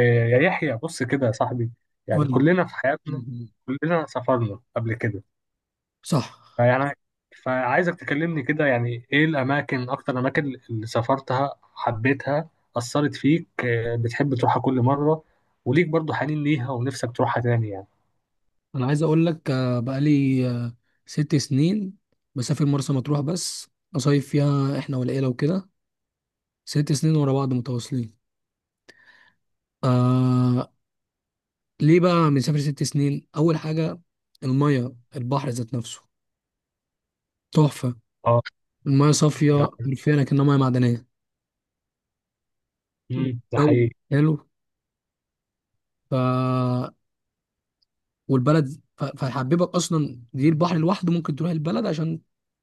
إيه، يا يحيى، بص كده يا صاحبي. قول يعني لي. كلنا في حياتنا كلنا سافرنا قبل كده، صح. فيعني فعايزك تكلمني كده، يعني ايه الاماكن، اكتر الاماكن اللي سافرتها، حبيتها، اثرت فيك إيه، بتحب تروحها كل مره وليك برضو حنين ليها ونفسك تروحها تاني يعني. انا عايز اقول لك بقالي 6 سنين بسافر مرسى مطروح بس، اصيف فيها احنا والعيله وكده. 6 سنين ورا بعض متواصلين. آه ليه بقى بنسافر 6 سنين؟ اول حاجه، الميه، البحر ذات نفسه تحفه، اه، الميه صافيه ده حرفيا كأنها ميه معدنيه. ده جو حقيقي. حلو. ف والبلد فهيحببك اصلا، دي البحر لوحده ممكن تروح البلد عشان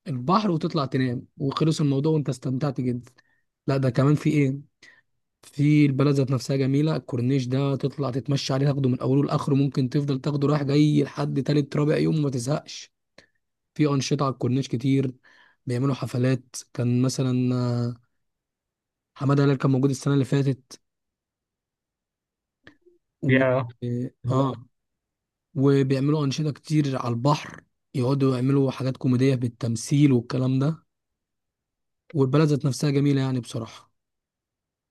البحر، وتطلع تنام وخلص الموضوع، وانت استمتعت جدا. لا ده كمان في ايه، في البلد ذات نفسها جميله، الكورنيش ده تطلع تتمشى عليه، تاخده من اوله لاخره، ممكن تفضل تاخده رايح جاي لحد تالت رابع يوم وما تزهقش. في انشطه على الكورنيش كتير، بيعملوا حفلات، كان مثلا حماده هلال كان موجود السنه اللي فاتت. و... يا اه آه، وبيعملوا انشطه كتير على البحر، يقعدوا يعملوا حاجات كوميديه بالتمثيل والكلام ده. والبلد ذات نفسها جميله يعني بصراحه.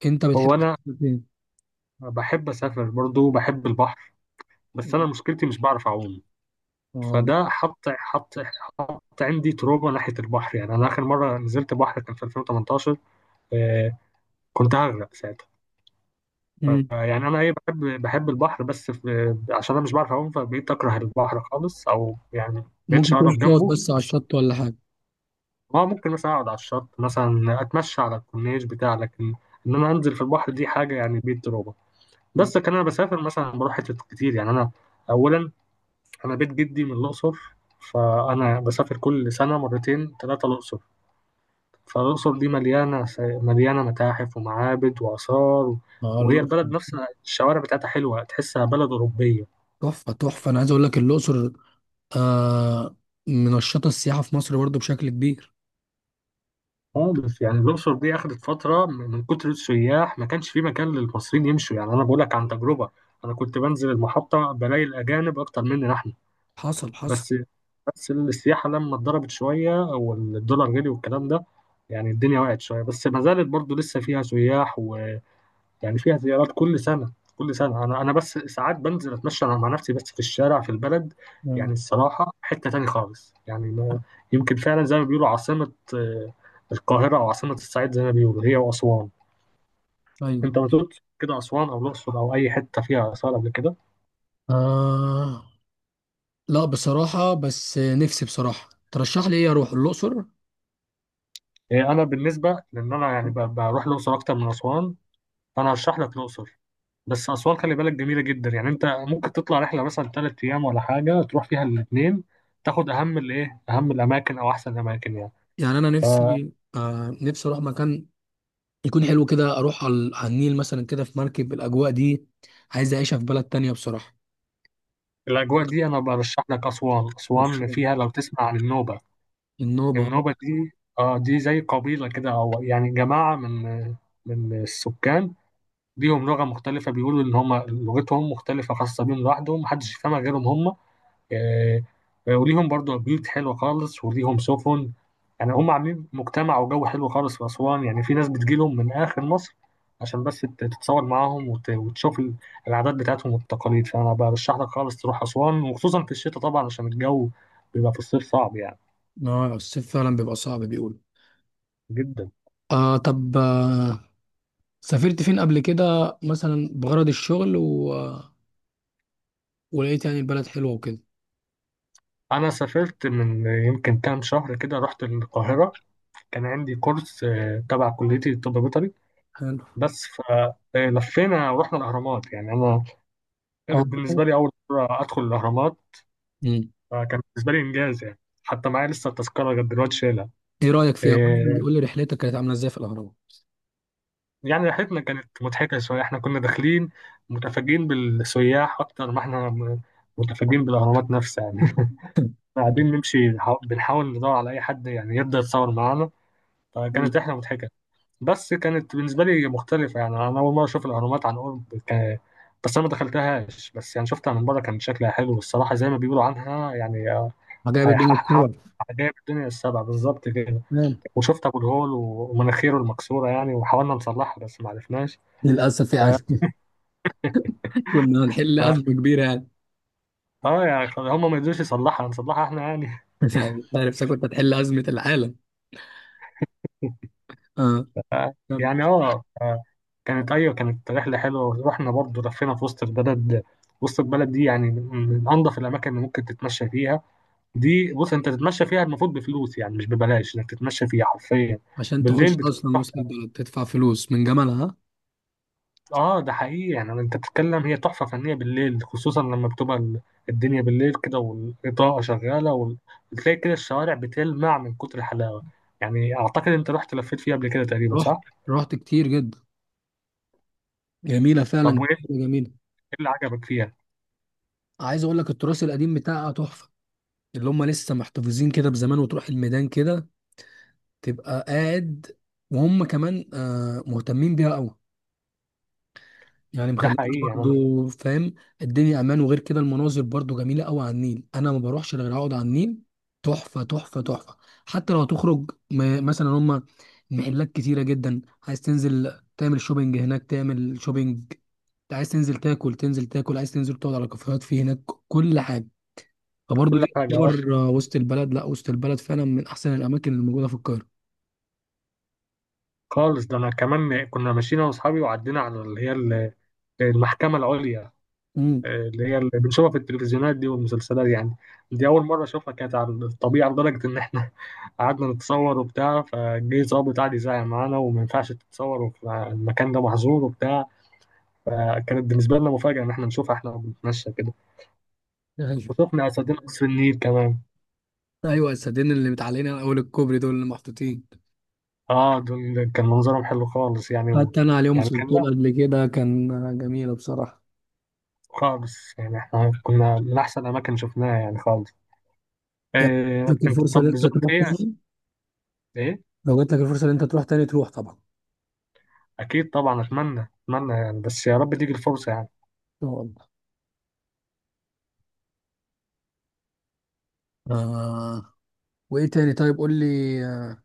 انت بتحب هو انا إيه؟ بحب اسافر، برضو بحب البحر، بس انا مشكلتي مش بعرف اعوم. اه. فده حط عندي تروما ناحيه البحر. يعني انا اخر مره نزلت بحر كان في 2018، آه، كنت هغرق ساعتها. مم. يعني انا ايه، بحب البحر، بس في عشان انا مش بعرف اعوم فبقيت اكره البحر خالص، او يعني مبقتش ممكن تروح اقرب تقعد جنبه بس على بس. الشط ولا حاجه. اه، ممكن مثلا اقعد على الشط، مثلا اتمشى على الكورنيش بتاع، لكن ان انا انزل في البحر دي حاجه يعني بيت تروما. بس كان انا بسافر مثلا بروح حتت كتير يعني. انا اولا انا بيت جدي من الاقصر، فانا بسافر كل سنه مرتين ثلاثه الاقصر. فالأقصر دي مليانة مليانة متاحف ومعابد وآثار، اه، وهي الأقصر. البلد نفسها الشوارع بتاعتها حلوة، تحسها بلد أوروبية تحفة تحفة، أنا عايز أقول لك الأقصر آه منشطة السياحة في مصر برضو بشكل كبير. خالص. يعني الأقصر دي أخدت فترة من كتر السياح ما كانش في مكان للمصريين يمشوا. يعني أنا بقولك عن تجربة، أنا كنت بنزل المحطة بلاقي الأجانب أكتر مننا إحنا. حصل حصل. بس بس السياحة لما اتضربت شوية والدولار غلي والكلام ده، يعني الدنيا وقعت شوية بس ما زالت برضو لسه فيها سياح. يعني فيها زيارات كل سنة كل سنة. أنا بس ساعات بنزل أتمشى أنا مع نفسي بس في الشارع في البلد. يعني آه. الصراحة حتة تاني خالص يعني، ما يمكن فعلا زي ما بيقولوا عاصمة، القاهرة أو عاصمة الصعيد زي ما بيقولوا، هي وأسوان. أيوه. أنت ما زرت كده أسوان أو الأقصر أو أي حتة فيها آثار قبل كده؟ آه لا بصراحة، بس نفسي بصراحة ترشح لي إيه أروح الأقصر. أنا بالنسبة لأن أنا يعني بروح الأقصر أكتر من أسوان، فأنا هرشح لك الأقصر. بس أسوان خلي بالك جميلة جدا، يعني أنت ممكن تطلع رحلة مثلا تلات أيام ولا حاجة، تروح فيها الاتنين، تاخد أهم الإيه، أهم الأماكن أو أحسن الأماكن يعني. يعني أنا نفسي نفسي أروح مكان يكون حلو كده، أروح على النيل مثلا كده في مركب، الأجواء دي عايز أعيشها في بلد تانية بصراحة. الأجواء دي أنا برشح لك أسوان، أسوان مشروع فيها لو تسمع عن النوبة. النوبة. النوبة دي آه، دي زي قبيلة كده، أو يعني جماعة من من السكان، ليهم لغة مختلفة. بيقولوا إن هما لغتهم مختلفة خاصة بيهم لوحدهم محدش يفهمها غيرهم هما. آه، وليهم برضو بيوت حلوة خالص، وليهم سفن. يعني هم عاملين مجتمع وجو حلو خالص في أسوان، يعني في ناس بتجيلهم من آخر مصر عشان بس تتصور معاهم وتشوف العادات بتاعتهم والتقاليد. فأنا برشح لك خالص تروح أسوان، وخصوصا في الشتاء طبعا عشان الجو بيبقى في الصيف صعب، يعني اه، الصيف فعلا بيبقى صعب بيقول. جدا. طب سافرت فين قبل كده مثلا بغرض الشغل ولقيت يعني البلد حلوة وكده؟ أنا سافرت من يمكن كام شهر كده رحت القاهرة، كان عندي كورس تبع كليتي الطب البيطري. حلو. بس فلفينا ورحنا الأهرامات. يعني أنا اه. كانت بالنسبة لي أول مرة أدخل الأهرامات، مم. فكان بالنسبة لي إنجاز يعني. حتى معايا لسه التذكرة لغاية دلوقتي شايلها. ايه رأيك فيها؟ قول لي إيه قول لي رحلتك كانت عاملة ازاي في الأهرامات. يعني رحلتنا كانت مضحكة شوية. إحنا كنا داخلين متفاجئين بالسياح أكتر ما إحنا متفاجئين بالأهرامات نفسها يعني. قاعدين نمشي بنحاول ندور على أي حد يعني يبدأ يتصور معانا. مم. فكانت رحلة مضحكة. بس كانت بالنسبة لي مختلفة، يعني أنا أول مرة أشوف الأهرامات عن قرب. بس أنا ما دخلتهاش، بس يعني شفتها من بره كان شكلها حلو، والصراحة زي ما بيقولوا عنها يعني، عجائب الدنيا هيحقق السبع. عجائب الدنيا السبع بالظبط كده. تمام. وشفت أبو الهول ومناخيره المكسورة يعني، وحاولنا نصلحها بس ما عرفناش. للأسف ف... يعني. كنا هنحل ف... أزمة كبيرة يعني. آه يعني هم ما يقدروش يصلحها نصلحها إحنا يعني. يعني أنت عارف كنت هتحل أزمة العالم. اه. ف- كمل. يعني آه ف- كانت أيوة كانت رحلة حلوة. رحنا برضه لفينا في وسط البلد. وسط البلد دي يعني من من أنظف الأماكن اللي ممكن تتمشى فيها. دي بص انت تتمشى فيها المفروض بفلوس، يعني مش ببلاش انك تتمشى فيها حرفيا. عشان تخش بالليل بتبقى أصلا وسط تحفه. البلد تدفع فلوس من جمالها، ها؟ اه ده حقيقي، يعني انت بتتكلم، هي تحفه فنيه بالليل، خصوصا لما بتبقى الدنيا بالليل كده والاضاءه شغاله، بتلاقي كده الشوارع بتلمع من كتر الحلاوه. يعني اعتقد انت رحت لفيت فيها قبل كده تقريبا، رحت، صح؟ رحت كتير جدا، جميلة طب فعلا وايه، إيه جميلة. اللي عجبك فيها؟ عايز أقول لك التراث القديم بتاعها تحفة، اللي هم لسه محتفظين كده بزمان، وتروح الميدان كده تبقى قاعد، وهم كمان مهتمين بيها قوي، يعني ده مخليين حقيقي يعني أنا. برضو، فاهم؟ الدنيا امان، وغير كده المناظر برضو جميله قوي على النيل، انا ما بروحش غير اقعد على النيل، تحفه تحفه تحفه. حتى لو هتخرج مثلا، هم المحلات كتيره جدا، عايز تنزل تعمل شوبينج هناك تعمل شوبينج، عايز تنزل تاكل تنزل تاكل، عايز تنزل تقعد على كافيهات في هناك، كل حاجه. فبرضه كل دي حاجه، اه تعتبر وسط البلد، لا وسط البلد فعلا من احسن الاماكن اللي موجوده في القاهره. خالص. ده انا كمان كنا ماشيين انا واصحابي وعدينا على اللي هي المحكمه العليا، امم. اللي هي اللي بنشوفها في التلفزيونات دي والمسلسلات يعني. دي أول مرة أشوفها كانت على الطبيعة، لدرجة إن إحنا قعدنا نتصور وبتاع، فجه ظابط قعد يزعق معانا وما ينفعش تتصوروا، المكان ده محظور وبتاع. فكانت بالنسبة لنا مفاجأة إن إحنا نشوفها إحنا بنتمشى كده. ايوه وشفنا أسدين قصر النيل كمان، ايوه، السدين اللي متعلقين على اول الكوبري دول اللي محطوطين. آه دول كان منظرهم حلو خالص يعني حتى انا عليهم يعني كان، لا سلطون قبل كده، كان جميله بصراحه. خالص يعني إحنا كنا من أحسن أماكن شفناها يعني خالص. يعني لو جاتلك الفرصه ان طب انت زرت تروح إيه؟ تاني، إيه؟ لو جات لك الفرصه ان انت تروح تاني تروح طبعا ان أكيد طبعا، أتمنى أتمنى يعني، بس يا رب تيجي الفرصة يعني. شاء الله. آه. وايه تاني طيب؟ قول لي آه،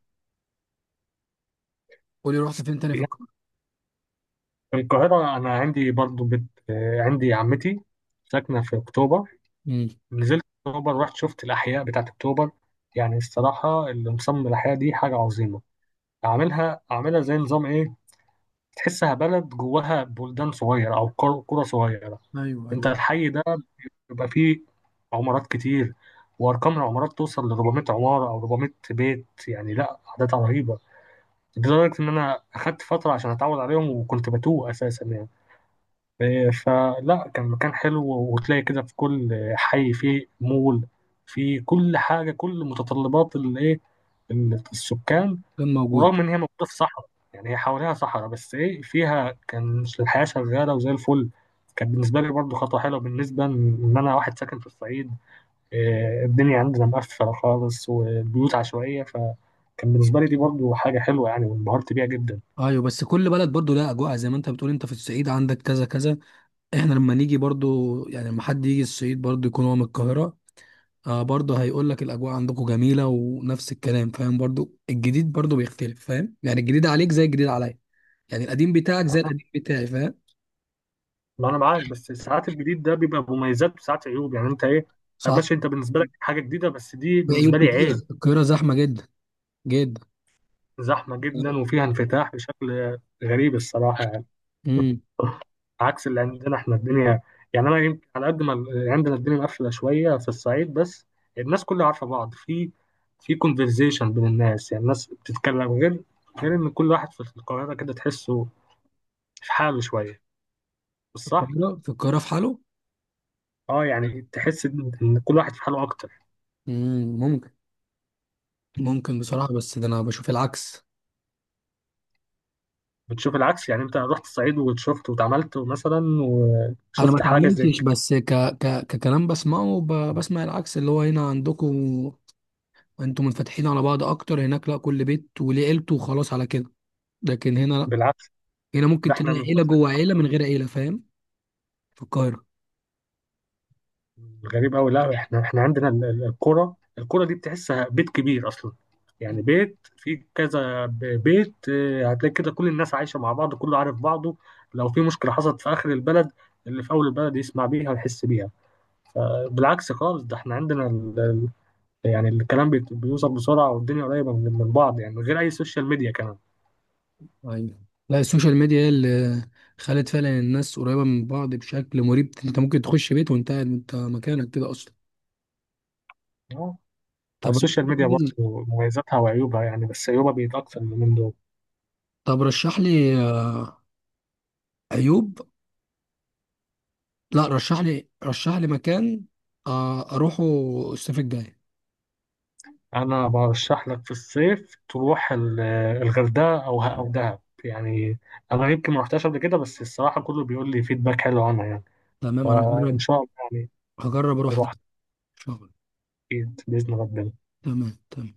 قول لي رحت فين تاني في القاهره. في القاهرة أنا عندي برضو بت... آه، عندي عمتي ساكنة في أكتوبر، امم. نزلت أكتوبر رحت شفت الأحياء بتاعت أكتوبر. يعني الصراحة اللي مصمم الأحياء دي حاجة عظيمة. أعملها أعملها زي نظام إيه، تحسها بلد جواها بلدان صغيرة أو قرى صغيرة. ايوه أنت ايوه. الحي ده بيبقى فيه عمارات كتير، وأرقام العمارات توصل ل 400 عمارة أو 400 بيت يعني، لا أعداد رهيبة، لدرجة إن أنا أخدت فترة عشان أتعود عليهم، وكنت بتوه أساسا يعني. فلا كان مكان حلو. وتلاقي كده في كل حي فيه مول، في كل حاجة، كل متطلبات الإيه، السكان. كان موجود. ورغم إن هي موجودة في صحراء، يعني هي حواليها صحراء، بس إيه فيها كان الحياة شغالة وزي الفل. كان بالنسبة لي برضه خطوة حلوة، بالنسبة إن أنا واحد ساكن في الصعيد، الدنيا عندنا مقفلة خالص والبيوت عشوائية، فكان بالنسبة لي دي برضه حاجة حلوة يعني، وانبهرت بيها جدا. ايوه، بس كل بلد برضو لها اجواء، زي ما انت بتقول انت في الصعيد عندك كذا كذا، احنا لما نيجي برضو، يعني لما حد يجي الصعيد برضو يكون هو من القاهرة، آه برضو هيقول لك الأجواء عندكم جميلة ونفس الكلام، فاهم؟ برضو الجديد برضو بيختلف، فاهم؟ يعني الجديد عليك زي الجديد عليا، يعني القديم بتاعك زي آه، القديم بتاعي، فاهم؟ ما انا معاك، بس ساعات الجديد ده بيبقى مميزات وساعات عيوب، يعني انت ايه، صح. ماشي انت بالنسبه لك حاجه جديده، بس دي في عيوب بالنسبه لي كتيرة، عيب. القاهرة زحمة جدا جدا. زحمه جدا، وفيها انفتاح بشكل غريب الصراحه يعني. امم. عكس اللي عندنا احنا الدنيا، يعني انا يمكن على قد ما عندنا الدنيا مقفله شويه في الصعيد، بس الناس كلها عارفه بعض، في في كونفرزيشن بين الناس، يعني الناس بتتكلم، غير ان كل واحد في القاهره كده تحسه في حاله شويه، مش في صح؟ القاهرة في القاهرة في حاله. اه، يعني تحس ان إن كل واحد في حاله اكتر. امم ممكن ممكن بصراحة، بس ده أنا بشوف العكس. بتشوف العكس؟ يعني انت رحت الصعيد وشفت واتعاملت مثلا أنا ما وشفت حاجه زي اتعاملتش، كده؟ بس ككلام بسمعه، بسمع العكس اللي هو هنا عندكم، انتوا منفتحين على بعض اكتر، هناك لا، كل بيت وليه عيلته وخلاص على كده. لكن هنا لا، بالعكس، هنا ده ممكن احنا تلاقي من عيله كتر، جوه عيله من غير عيله، فاهم؟ في القاهره. غريب قوي. لا احنا، احنا عندنا القرى دي بتحسها بيت كبير اصلا، يعني مم. بيت فيه كذا بيت. اه، هتلاقي كده كل الناس عايشه مع بعض كله عارف بعضه. لو في مشكله حصلت في اخر البلد، اللي في اول البلد يسمع بيها ويحس بيها. بالعكس خالص، ده احنا عندنا يعني الكلام بيوصل بسرعه، والدنيا قريبه من بعض يعني، من غير اي سوشيال ميديا ايوه. لا، السوشيال ميديا هي اللي خلت فعلا الناس قريبه من بعض بشكل مريب، انت ممكن تخش بيت وانت قاعد انت مكانك كده اصلا. كمان. طب رشح السوشيال ميديا برضه لي. مميزاتها وعيوبها يعني، بس عيوبها بيت أكتر من دول. طب رشح لي عيوب. لا رشح لي رشح لي مكان اروحه الصيف الجاي. أنا برشح لك في الصيف تروح الغردقة أو دهب يعني. أنا يمكن ما رحتهاش قبل كده، بس الصراحة كله بيقول لي فيدباك حلو عنها يعني. تمام انا إن هجرب، شاء الله يعني هجرب اروح ده نروح، ان شاء الله. أكيد بإذن ربنا. تمام تمام.